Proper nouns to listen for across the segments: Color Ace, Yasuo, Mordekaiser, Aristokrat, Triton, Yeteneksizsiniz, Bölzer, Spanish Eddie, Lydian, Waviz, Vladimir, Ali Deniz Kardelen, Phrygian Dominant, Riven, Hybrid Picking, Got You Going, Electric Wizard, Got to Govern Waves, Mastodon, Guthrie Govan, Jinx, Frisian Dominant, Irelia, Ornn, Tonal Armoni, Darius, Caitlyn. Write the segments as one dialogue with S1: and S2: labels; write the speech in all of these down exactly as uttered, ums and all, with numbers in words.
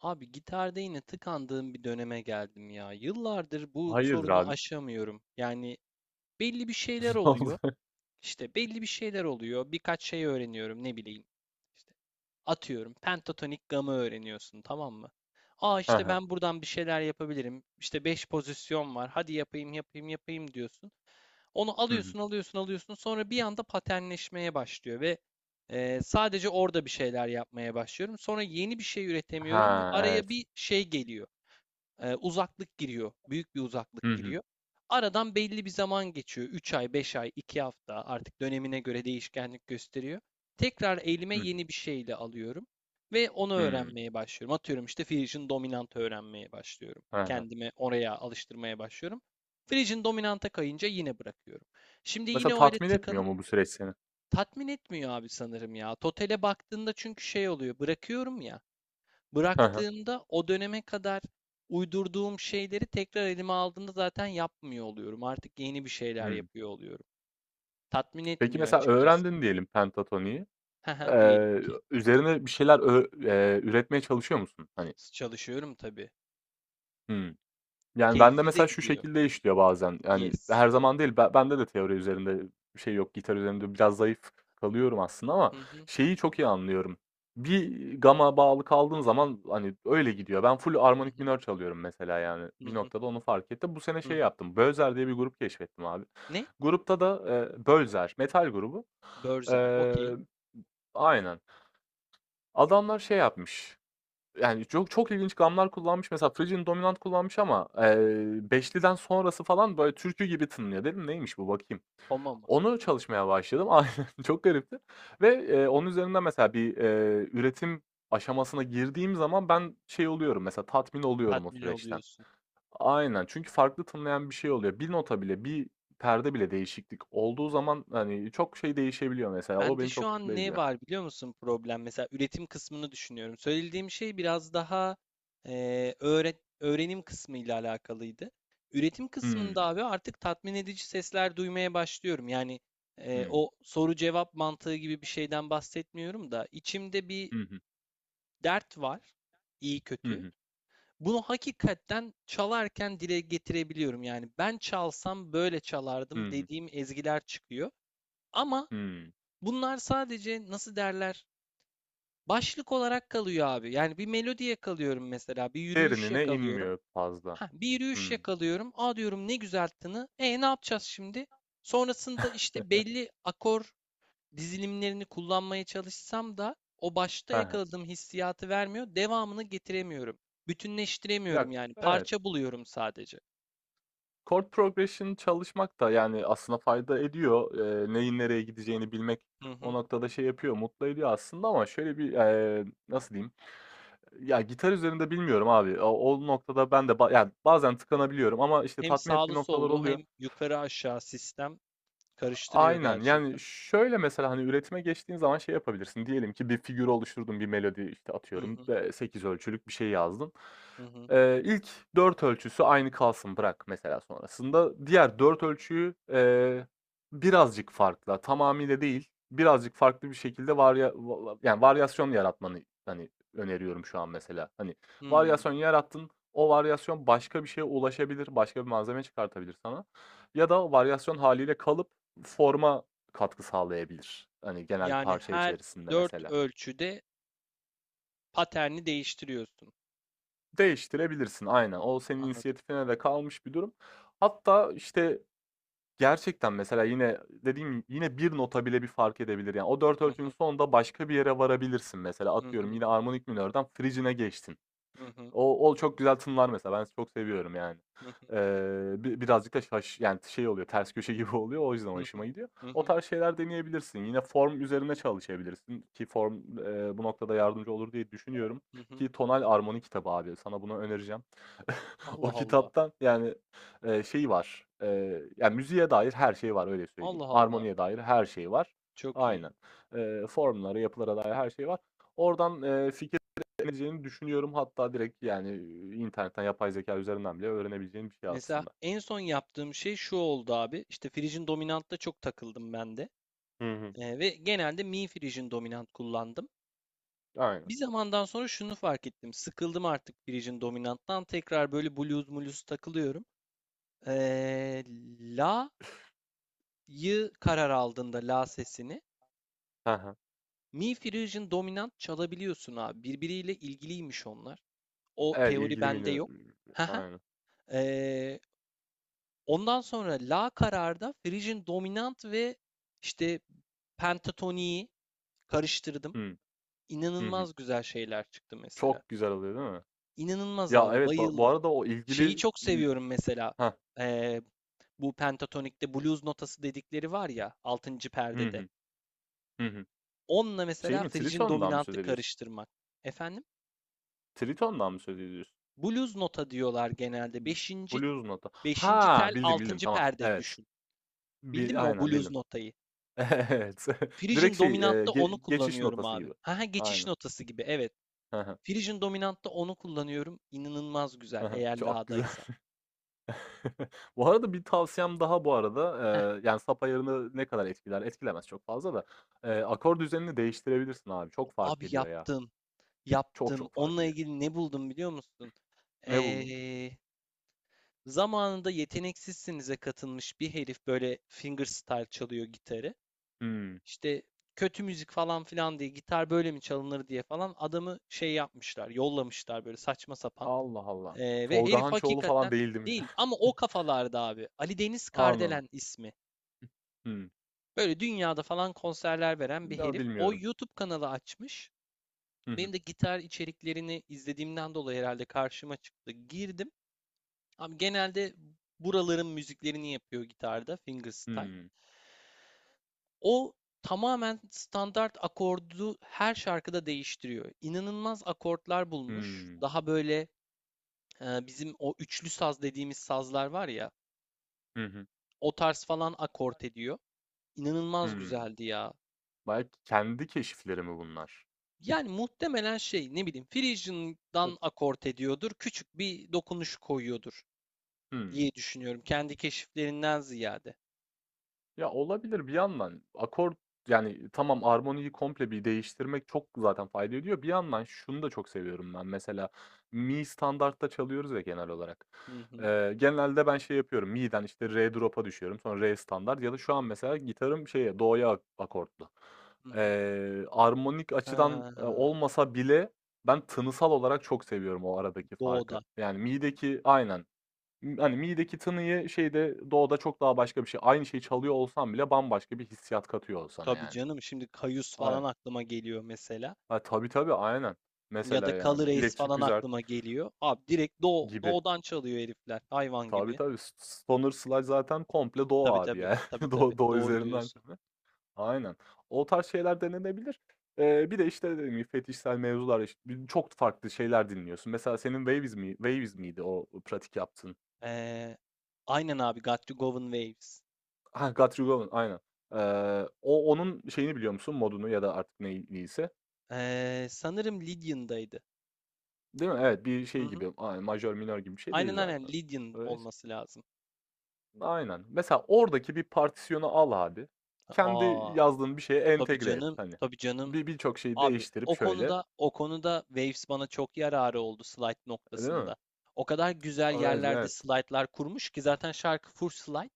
S1: Abi gitarda yine tıkandığım bir döneme geldim ya. Yıllardır bu
S2: Hayırdır
S1: sorunu
S2: abi?
S1: aşamıyorum. Yani belli bir şeyler
S2: Ne oldu?
S1: oluyor. İşte belli bir şeyler oluyor. Birkaç şey öğreniyorum ne bileyim. İşte atıyorum pentatonik gamı öğreniyorsun tamam mı? Aa
S2: Hı
S1: işte
S2: hı.
S1: ben buradan bir şeyler yapabilirim. İşte beş pozisyon var. Hadi yapayım yapayım yapayım diyorsun. Onu
S2: Hı hı.
S1: alıyorsun, alıyorsun, alıyorsun. Sonra bir anda paternleşmeye başlıyor ve e, sadece orada bir şeyler yapmaya başlıyorum. Sonra yeni bir şey üretemiyorum ve
S2: Ha,
S1: araya
S2: evet.
S1: bir şey geliyor e, uzaklık giriyor. Büyük bir
S2: Hı
S1: uzaklık
S2: hı.
S1: giriyor. Aradan belli bir zaman geçiyor. Üç ay, beş ay, iki hafta artık dönemine göre değişkenlik gösteriyor. Tekrar elime
S2: Hı hı.
S1: yeni bir şeyle alıyorum ve onu
S2: Hımm.
S1: öğrenmeye başlıyorum. Atıyorum işte Frisian dominant öğrenmeye başlıyorum.
S2: Hı hı.
S1: Kendimi oraya alıştırmaya başlıyorum. Frisian dominanta kayınca yine bırakıyorum. Şimdi
S2: Mesela
S1: yine öyle
S2: tatmin etmiyor
S1: tıkanıp
S2: mu bu süreç seni?
S1: tatmin etmiyor abi sanırım ya. Totale baktığında çünkü şey oluyor. Bırakıyorum ya.
S2: Hı hı.
S1: Bıraktığımda o döneme kadar uydurduğum şeyleri tekrar elime aldığımda zaten yapmıyor oluyorum. Artık yeni bir şeyler
S2: Hımm.
S1: yapıyor oluyorum. Tatmin
S2: Peki
S1: etmiyor
S2: mesela
S1: açıkçası.
S2: öğrendin diyelim pentatoniyi.
S1: Haha, diyelim
S2: Eee,
S1: ki
S2: üzerine bir şeyler ö eee, üretmeye çalışıyor musun? Hani.
S1: çalışıyorum tabii.
S2: Hımm. Yani, bende
S1: Keyifli de
S2: mesela şu
S1: gidiyor.
S2: şekilde işliyor bazen, yani,
S1: Yes.
S2: her zaman değil, ben bende de teori üzerinde bir şey yok, gitar üzerinde biraz zayıf kalıyorum aslında ama
S1: Hı hı,
S2: şeyi çok iyi anlıyorum. Bir gama bağlı kaldığın zaman, hani, öyle gidiyor. Ben full
S1: hı
S2: armonik
S1: hı,
S2: minör çalıyorum mesela, yani,
S1: hı
S2: bir
S1: hı,
S2: noktada onu fark ettim. Bu sene
S1: hı
S2: şey
S1: hı.
S2: yaptım, Bölzer diye bir grup keşfettim abi.
S1: Ne?
S2: Grupta da, eee Bölzer, metal grubu.
S1: Börzer. Okey.
S2: Eee Aynen. Adamlar şey yapmış, yani, çok çok ilginç gamlar kullanmış. Mesela Phrygian Dominant kullanmış ama, eee, beşliden sonrası falan, böyle, türkü gibi tınlıyor. Dedim, "Neymiş bu, bakayım."
S1: Koma mı?
S2: Onu çalışmaya başladım. Aynen, çok garipti ve, eee, onun üzerinden mesela bir, eee, üretim aşamasına girdiğim zaman ben şey oluyorum, mesela tatmin oluyorum o
S1: Tatmin
S2: süreçten.
S1: oluyorsun.
S2: Aynen, çünkü farklı tınlayan bir şey oluyor. Bir nota bile, bir perde bile değişiklik olduğu zaman, hani, çok şey değişebiliyor mesela. O
S1: Bende
S2: beni
S1: şu
S2: çok mutlu
S1: an ne
S2: ediyor.
S1: var biliyor musun problem? Mesela üretim kısmını düşünüyorum. Söylediğim şey biraz daha eee, öğre- öğrenim kısmı ile alakalıydı. Üretim
S2: Hımm.
S1: kısmında abi artık tatmin edici sesler duymaya başlıyorum. Yani eee,
S2: Hı.
S1: o soru cevap mantığı gibi bir şeyden bahsetmiyorum da içimde bir
S2: Hı hı.
S1: dert var, iyi
S2: Hı
S1: kötü.
S2: hı.
S1: Bunu hakikaten çalarken dile getirebiliyorum. Yani ben çalsam böyle
S2: Hı
S1: çalardım
S2: hı.
S1: dediğim ezgiler çıkıyor. Ama bunlar sadece nasıl derler? Başlık olarak kalıyor abi. Yani bir melodi yakalıyorum mesela. Bir yürüyüş
S2: Derinine
S1: yakalıyorum.
S2: inmiyor fazla.
S1: Ha, bir yürüyüş
S2: Hımm.
S1: yakalıyorum. Aa diyorum ne güzel tını. E ne yapacağız şimdi? Sonrasında işte belli akor dizilimlerini kullanmaya çalışsam da o başta
S2: He he.
S1: yakaladığım hissiyatı vermiyor. Devamını getiremiyorum. Bütünleştiremiyorum
S2: Ya,
S1: yani.
S2: evet.
S1: Parça buluyorum sadece.
S2: Chord progression çalışmak da, yani, aslında fayda ediyor. Eee, neyin nereye gideceğini bilmek
S1: Hı
S2: o
S1: hı.
S2: noktada şey yapıyor, mutlu ediyor aslında ama şöyle bir, eee, nasıl diyeyim? Ya, gitar üzerinde bilmiyorum abi. O o noktada ben de ba yani, bazen tıkanabiliyorum ama, işte,
S1: Hem
S2: tatmin ettiği
S1: sağlı
S2: noktalar
S1: sollu
S2: oluyor.
S1: hem yukarı aşağı sistem karıştırıyor
S2: Aynen. Yani,
S1: gerçekten.
S2: şöyle mesela, hani, üretime geçtiğin zaman şey yapabilirsin. Diyelim ki bir figür oluşturdun, bir melodi, işte,
S1: Hı
S2: atıyorum,
S1: hı
S2: sekiz ölçülük bir şey yazdın.
S1: hı hı.
S2: Eee, ilk dört ölçüsü aynı kalsın, bırak mesela sonrasında. Diğer dört ölçüyü, eee, birazcık farklı, tamamıyla değil, birazcık farklı bir şekilde varya va va yani, varyasyon yaratmanı, hani, öneriyorum şu an mesela. Hani,
S1: Hmm.
S2: varyasyon yarattın, o varyasyon başka bir şeye ulaşabilir, başka bir malzeme çıkartabilir sana ya da o varyasyon haliyle kalıp forma katkı sağlayabilir. Hani genel
S1: Yani
S2: parça
S1: her
S2: içerisinde
S1: dört
S2: mesela.
S1: ölçüde paterni değiştiriyorsun.
S2: Değiştirebilirsin aynen. O senin
S1: Anladım.
S2: inisiyatifine de kalmış bir durum. Hatta işte gerçekten mesela yine dediğim yine bir nota bile bir fark edebilir. Yani o dört
S1: Hı
S2: ölçünün
S1: hı.
S2: sonunda başka bir yere varabilirsin mesela.
S1: Hı
S2: Atıyorum
S1: hı.
S2: yine armonik minörden frigine geçtin.
S1: Hı hı.
S2: O o çok güzel tınlar mesela. Ben çok seviyorum yani.
S1: Hı hı.
S2: Eee, bi birazcık da şaş yani şey oluyor, ters köşe gibi oluyor. O yüzden
S1: Hı hı.
S2: hoşuma gidiyor.
S1: Hı
S2: O
S1: hı.
S2: tarz şeyler deneyebilirsin. Yine form üzerine çalışabilirsin ki form, eee, bu noktada yardımcı olur diye düşünüyorum
S1: Hı hı.
S2: ki Tonal Armoni kitabı abi. Sana bunu önereceğim. O
S1: Allah Allah.
S2: kitaptan yani, eee, şey var, eee, ya müziğe dair her şey var öyle söyleyeyim.
S1: Allah Allah.
S2: Armoniye dair her şey var.
S1: Çok iyi.
S2: Aynen. Eee, formlara, yapılara dair her şey var. Oradan, eee, fikir öğrenebileceğini düşünüyorum. Hatta direkt, yani, eee, internetten yapay zeka üzerinden bile öğrenebileceğin bir şey
S1: Mesela
S2: aslında.
S1: en son yaptığım şey şu oldu abi. İşte Frisian Dominant'ta çok takıldım ben de.
S2: Hı hı.
S1: Ee, ve genelde Mi Frisian Dominant kullandım.
S2: Aynen.
S1: Bir zamandan sonra şunu fark ettim. Sıkıldım artık Frisian Dominant'tan. Tekrar böyle blues mulus takılıyorum. Ee, la'yı karar aldığında la sesini
S2: Hı hı.
S1: Mi Frisian Dominant çalabiliyorsun abi. Birbiriyle ilgiliymiş onlar. O
S2: Evet,
S1: teori
S2: ilgili
S1: bende
S2: menü.
S1: yok. Haha.
S2: Aynen.
S1: Ee, ondan sonra La kararda Frisian Dominant ve işte pentatoniyi karıştırdım.
S2: Hı hı hı.
S1: İnanılmaz güzel şeyler çıktı mesela.
S2: Çok güzel oluyor değil mi?
S1: İnanılmaz
S2: Ya,
S1: abi,
S2: evet, ba bu
S1: bayıldım.
S2: arada o
S1: Şeyi
S2: ilgili
S1: çok
S2: ı
S1: seviyorum mesela. Ee, bu pentatonikte blues notası dedikleri var ya altıncı
S2: Hı
S1: perdede.
S2: hı. Hı hı.
S1: Onunla
S2: Şey
S1: mesela
S2: mi,
S1: Frisian
S2: Triton'dan mı söz
S1: Dominant'ı
S2: ediyorsun?
S1: karıştırmak. Efendim?
S2: Triton'dan mı söz ediyorsun?
S1: Blues nota diyorlar genelde. Beşinci,
S2: Blues Nota.
S1: beşinci
S2: Ha,
S1: tel,
S2: bildim, bildim.
S1: altıncı
S2: Tamam.
S1: perde
S2: Evet.
S1: düşün. Bildin
S2: Bi
S1: mi o
S2: aynen,
S1: blues
S2: bildim.
S1: notayı?
S2: Evet.
S1: Phrygian
S2: Direkt şey, eee,
S1: dominantta
S2: ge
S1: onu
S2: geçiş
S1: kullanıyorum
S2: notası
S1: abi.
S2: gibi.
S1: Ha ha, geçiş
S2: Aynen.
S1: notası gibi evet.
S2: He he.
S1: Phrygian dominantta onu kullanıyorum. İnanılmaz güzel eğer
S2: Çok güzel.
S1: la'daysa.
S2: Bu arada bir tavsiyem daha bu arada,
S1: Heh,
S2: eee, yani, sap ayarını ne kadar etkiler? Etkilemez çok fazla da, eee, akor düzenini değiştirebilirsin abi. Çok fark
S1: abi
S2: ediyor ya.
S1: yaptım.
S2: Çok
S1: Yaptım.
S2: çok fark
S1: Onunla
S2: ediyor.
S1: ilgili ne buldum biliyor musun?
S2: Ne buldun?
S1: Ee, zamanında Yeteneksizsiniz'e katılmış bir herif böyle fingerstyle çalıyor gitarı.
S2: Hımm.
S1: İşte kötü müzik falan filan diye gitar böyle mi çalınır diye falan adamı şey yapmışlar, yollamışlar böyle saçma sapan.
S2: Allah Allah.
S1: Ee, ve
S2: Tolga
S1: herif
S2: Hançoğlu falan
S1: hakikaten
S2: değil, değil mi?
S1: değil ama o kafalarda abi. Ali Deniz
S2: Anladım.
S1: Kardelen ismi.
S2: Hımm.
S1: Böyle dünyada falan konserler veren bir
S2: Ya,
S1: herif. O
S2: bilmiyorum.
S1: YouTube kanalı açmış.
S2: Hı hı.
S1: Benim de gitar içeriklerini izlediğimden dolayı herhalde karşıma çıktı. Girdim. Abi genelde buraların müziklerini yapıyor gitarda, fingerstyle.
S2: Hımm.
S1: O tamamen standart akordu her şarkıda değiştiriyor. İnanılmaz akortlar bulmuş.
S2: Hımm.
S1: Daha böyle e, bizim o üçlü saz dediğimiz sazlar var ya,
S2: Hı hı.
S1: o tarz falan akort ediyor. İnanılmaz
S2: Hımm.
S1: güzeldi ya.
S2: Belki kendi keşifleri mi bunlar?
S1: Yani muhtemelen şey ne bileyim Frisian'dan akort ediyordur. Küçük bir dokunuş koyuyordur
S2: Hımm.
S1: diye düşünüyorum. Kendi keşiflerinden ziyade.
S2: Ya, olabilir bir yandan. Akor yani tamam, armoniyi komple bir değiştirmek çok zaten fayda ediyor. Bir yandan şunu da çok seviyorum ben mesela, mi standartta çalıyoruz ya genel olarak.
S1: Hı hı.
S2: Eee, genelde ben şey yapıyorum, mi'den işte re drop'a düşüyorum sonra re standart ya da şu an mesela gitarım şeye, do'ya ak akortlu.
S1: Hı hı.
S2: Eee, armonik açıdan, eee,
S1: Ha,
S2: olmasa bile ben tınısal olarak çok seviyorum o aradaki farkı.
S1: doğuda.
S2: Yani mi'deki. Aynen. Imm, hani, mi'deki tınıyı şeyde, doğuda çok daha başka bir şey. Aynı şeyi çalıyor olsan bile bambaşka bir hissiyat katıyor sana,
S1: Tabii
S2: yani.
S1: canım. Şimdi Kayus
S2: Ay
S1: falan aklıma geliyor mesela.
S2: ha, tabii, tabii, aynen.
S1: Ya da
S2: Mesela, yani,
S1: Color Ace
S2: Electric
S1: falan
S2: Wizard
S1: aklıma geliyor. Abi direkt Doğu,
S2: gibi.
S1: Doğu'dan çalıyor herifler. Hayvan
S2: Tabii,
S1: gibi.
S2: tabii. S Stoner Sludge zaten komple do
S1: Tabii
S2: abi,
S1: tabii.
S2: yani.
S1: Tabii tabii.
S2: Doğu do
S1: Doğru
S2: üzerinden
S1: diyorsun.
S2: çalıyor. Aynen. O tarz şeyler denenebilir. Eee, bir de, işte, dediğim gibi fetişsel mevzular, iş çok farklı şeyler dinliyorsun. Mesela senin Waviz mi, Waviz miydi o pratik yaptığın?
S1: Ee, aynen abi. Got to Govern Waves.
S2: Ha, Got You Going, aynen. Eee, o onun şeyini biliyor musun? Modunu ya da artık ney neyse.
S1: Ee, sanırım Lydian'daydı.
S2: Değil mi? Evet, bir
S1: Hı
S2: şey
S1: hı.
S2: gibi, aynen majör minör gibi bir şey değil
S1: Aynen aynen
S2: zaten.
S1: Lydian
S2: Öyleyse
S1: olması lazım.
S2: aynen. Mesela oradaki bir partisyonu al abi. Kendi
S1: Aa,
S2: yazdığın bir şeye
S1: tabii
S2: entegre et
S1: canım.
S2: hani.
S1: Tabii canım.
S2: Bir birçok şeyi
S1: Abi
S2: değiştirip
S1: o
S2: şöyle,
S1: konuda o konuda Waves bana çok yararı oldu slide
S2: e, değil mi?
S1: noktasında. O kadar güzel
S2: Evet,
S1: yerlerde
S2: evet.
S1: slaytlar kurmuş ki zaten şarkı full slide.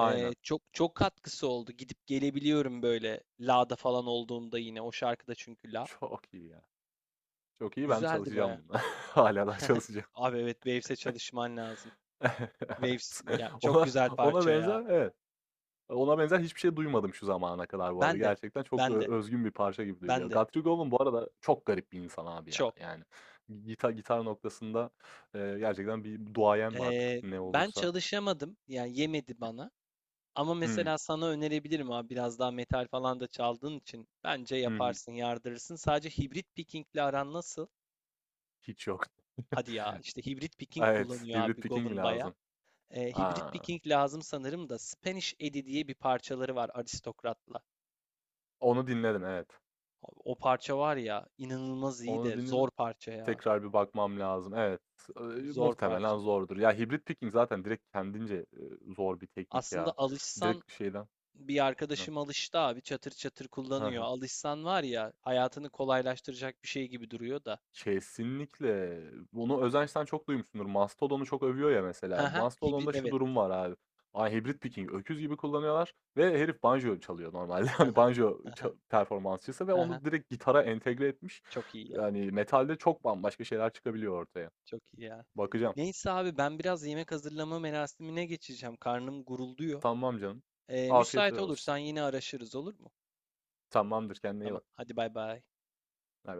S1: Ee, çok çok katkısı oldu. Gidip gelebiliyorum böyle La'da falan olduğumda yine o şarkıda çünkü La.
S2: Çok iyi ya. Çok iyi. Ben
S1: Güzeldi baya.
S2: çalışacağım buna. Hâlâ daha çalışacağım.
S1: Abi evet Waves'e çalışman lazım. Waves
S2: Evet.
S1: ya çok
S2: Ona
S1: güzel
S2: ona
S1: parça ya.
S2: benzer, evet. Ona benzer hiçbir şey duymadım şu zamana kadar bu arada.
S1: Ben de
S2: Gerçekten çok,
S1: ben de
S2: ııı, özgün bir parça gibi
S1: ben
S2: duyuluyor.
S1: de
S2: Guthrie Govan bu arada çok garip bir insan abi ya.
S1: çok.
S2: Yani gitar gitar noktasında, eee, gerçekten bir duayen mi artık
S1: Ee,
S2: ne
S1: ben
S2: olursa.
S1: çalışamadım yani yemedi bana. Ama
S2: Hımm.
S1: mesela sana önerebilirim abi biraz daha metal falan da çaldığın için bence
S2: Hı hı.
S1: yaparsın, yardırırsın. Sadece hibrit pickingle aran nasıl?
S2: Hiç yok.
S1: Hadi ya işte hibrit picking
S2: Evet,
S1: kullanıyor
S2: Hybrid
S1: abi
S2: Picking mi
S1: Gov'un baya.
S2: lazım?
S1: Eee, Hybrid
S2: A!
S1: Viking lazım sanırım da Spanish Eddie diye bir parçaları var Aristokrat'la.
S2: Onu dinledim, evet.
S1: O parça var ya inanılmaz iyi
S2: Onu
S1: de
S2: dinledim.
S1: zor parça ya.
S2: Tekrar bir bakmam lazım. Evet, eee,
S1: Zor
S2: muhtemelen
S1: parça.
S2: zordur. Ya, Hybrid Picking zaten direkt kendince, eee, zor bir teknik
S1: Aslında
S2: ya.
S1: alışsan
S2: Direkt şeyden.
S1: bir arkadaşım alıştı abi çatır çatır
S2: Hı
S1: kullanıyor.
S2: hı.
S1: Alışsan var ya hayatını kolaylaştıracak bir şey gibi duruyor da.
S2: Kesinlikle. Bunu Özenç'ten çok duymuşsundur. Mastodon'u çok övüyor ya mesela.
S1: Haha hibrit
S2: Mastodon'da şu
S1: evet.
S2: durum var abi. Ay hibrit picking öküz gibi kullanıyorlar ve herif banjo çalıyor normalde. Hani
S1: Haha
S2: banjo
S1: haha
S2: ça- performansçısı ve
S1: haha
S2: onu direkt gitara entegre etmiş.
S1: çok iyi ya
S2: Yani metalde çok bambaşka şeyler çıkabiliyor ortaya.
S1: çok iyi ya.
S2: Bakacağım.
S1: Neyse abi ben biraz yemek hazırlama merasimine geçeceğim. Karnım gurulduyor.
S2: Tamam canım.
S1: Ee,
S2: Afiyetler
S1: müsait
S2: olsun.
S1: olursan yine araşırız olur mu?
S2: Tamamdır, kendine iyi
S1: Tamam,
S2: bak.
S1: hadi bay bay.
S2: Bay bay.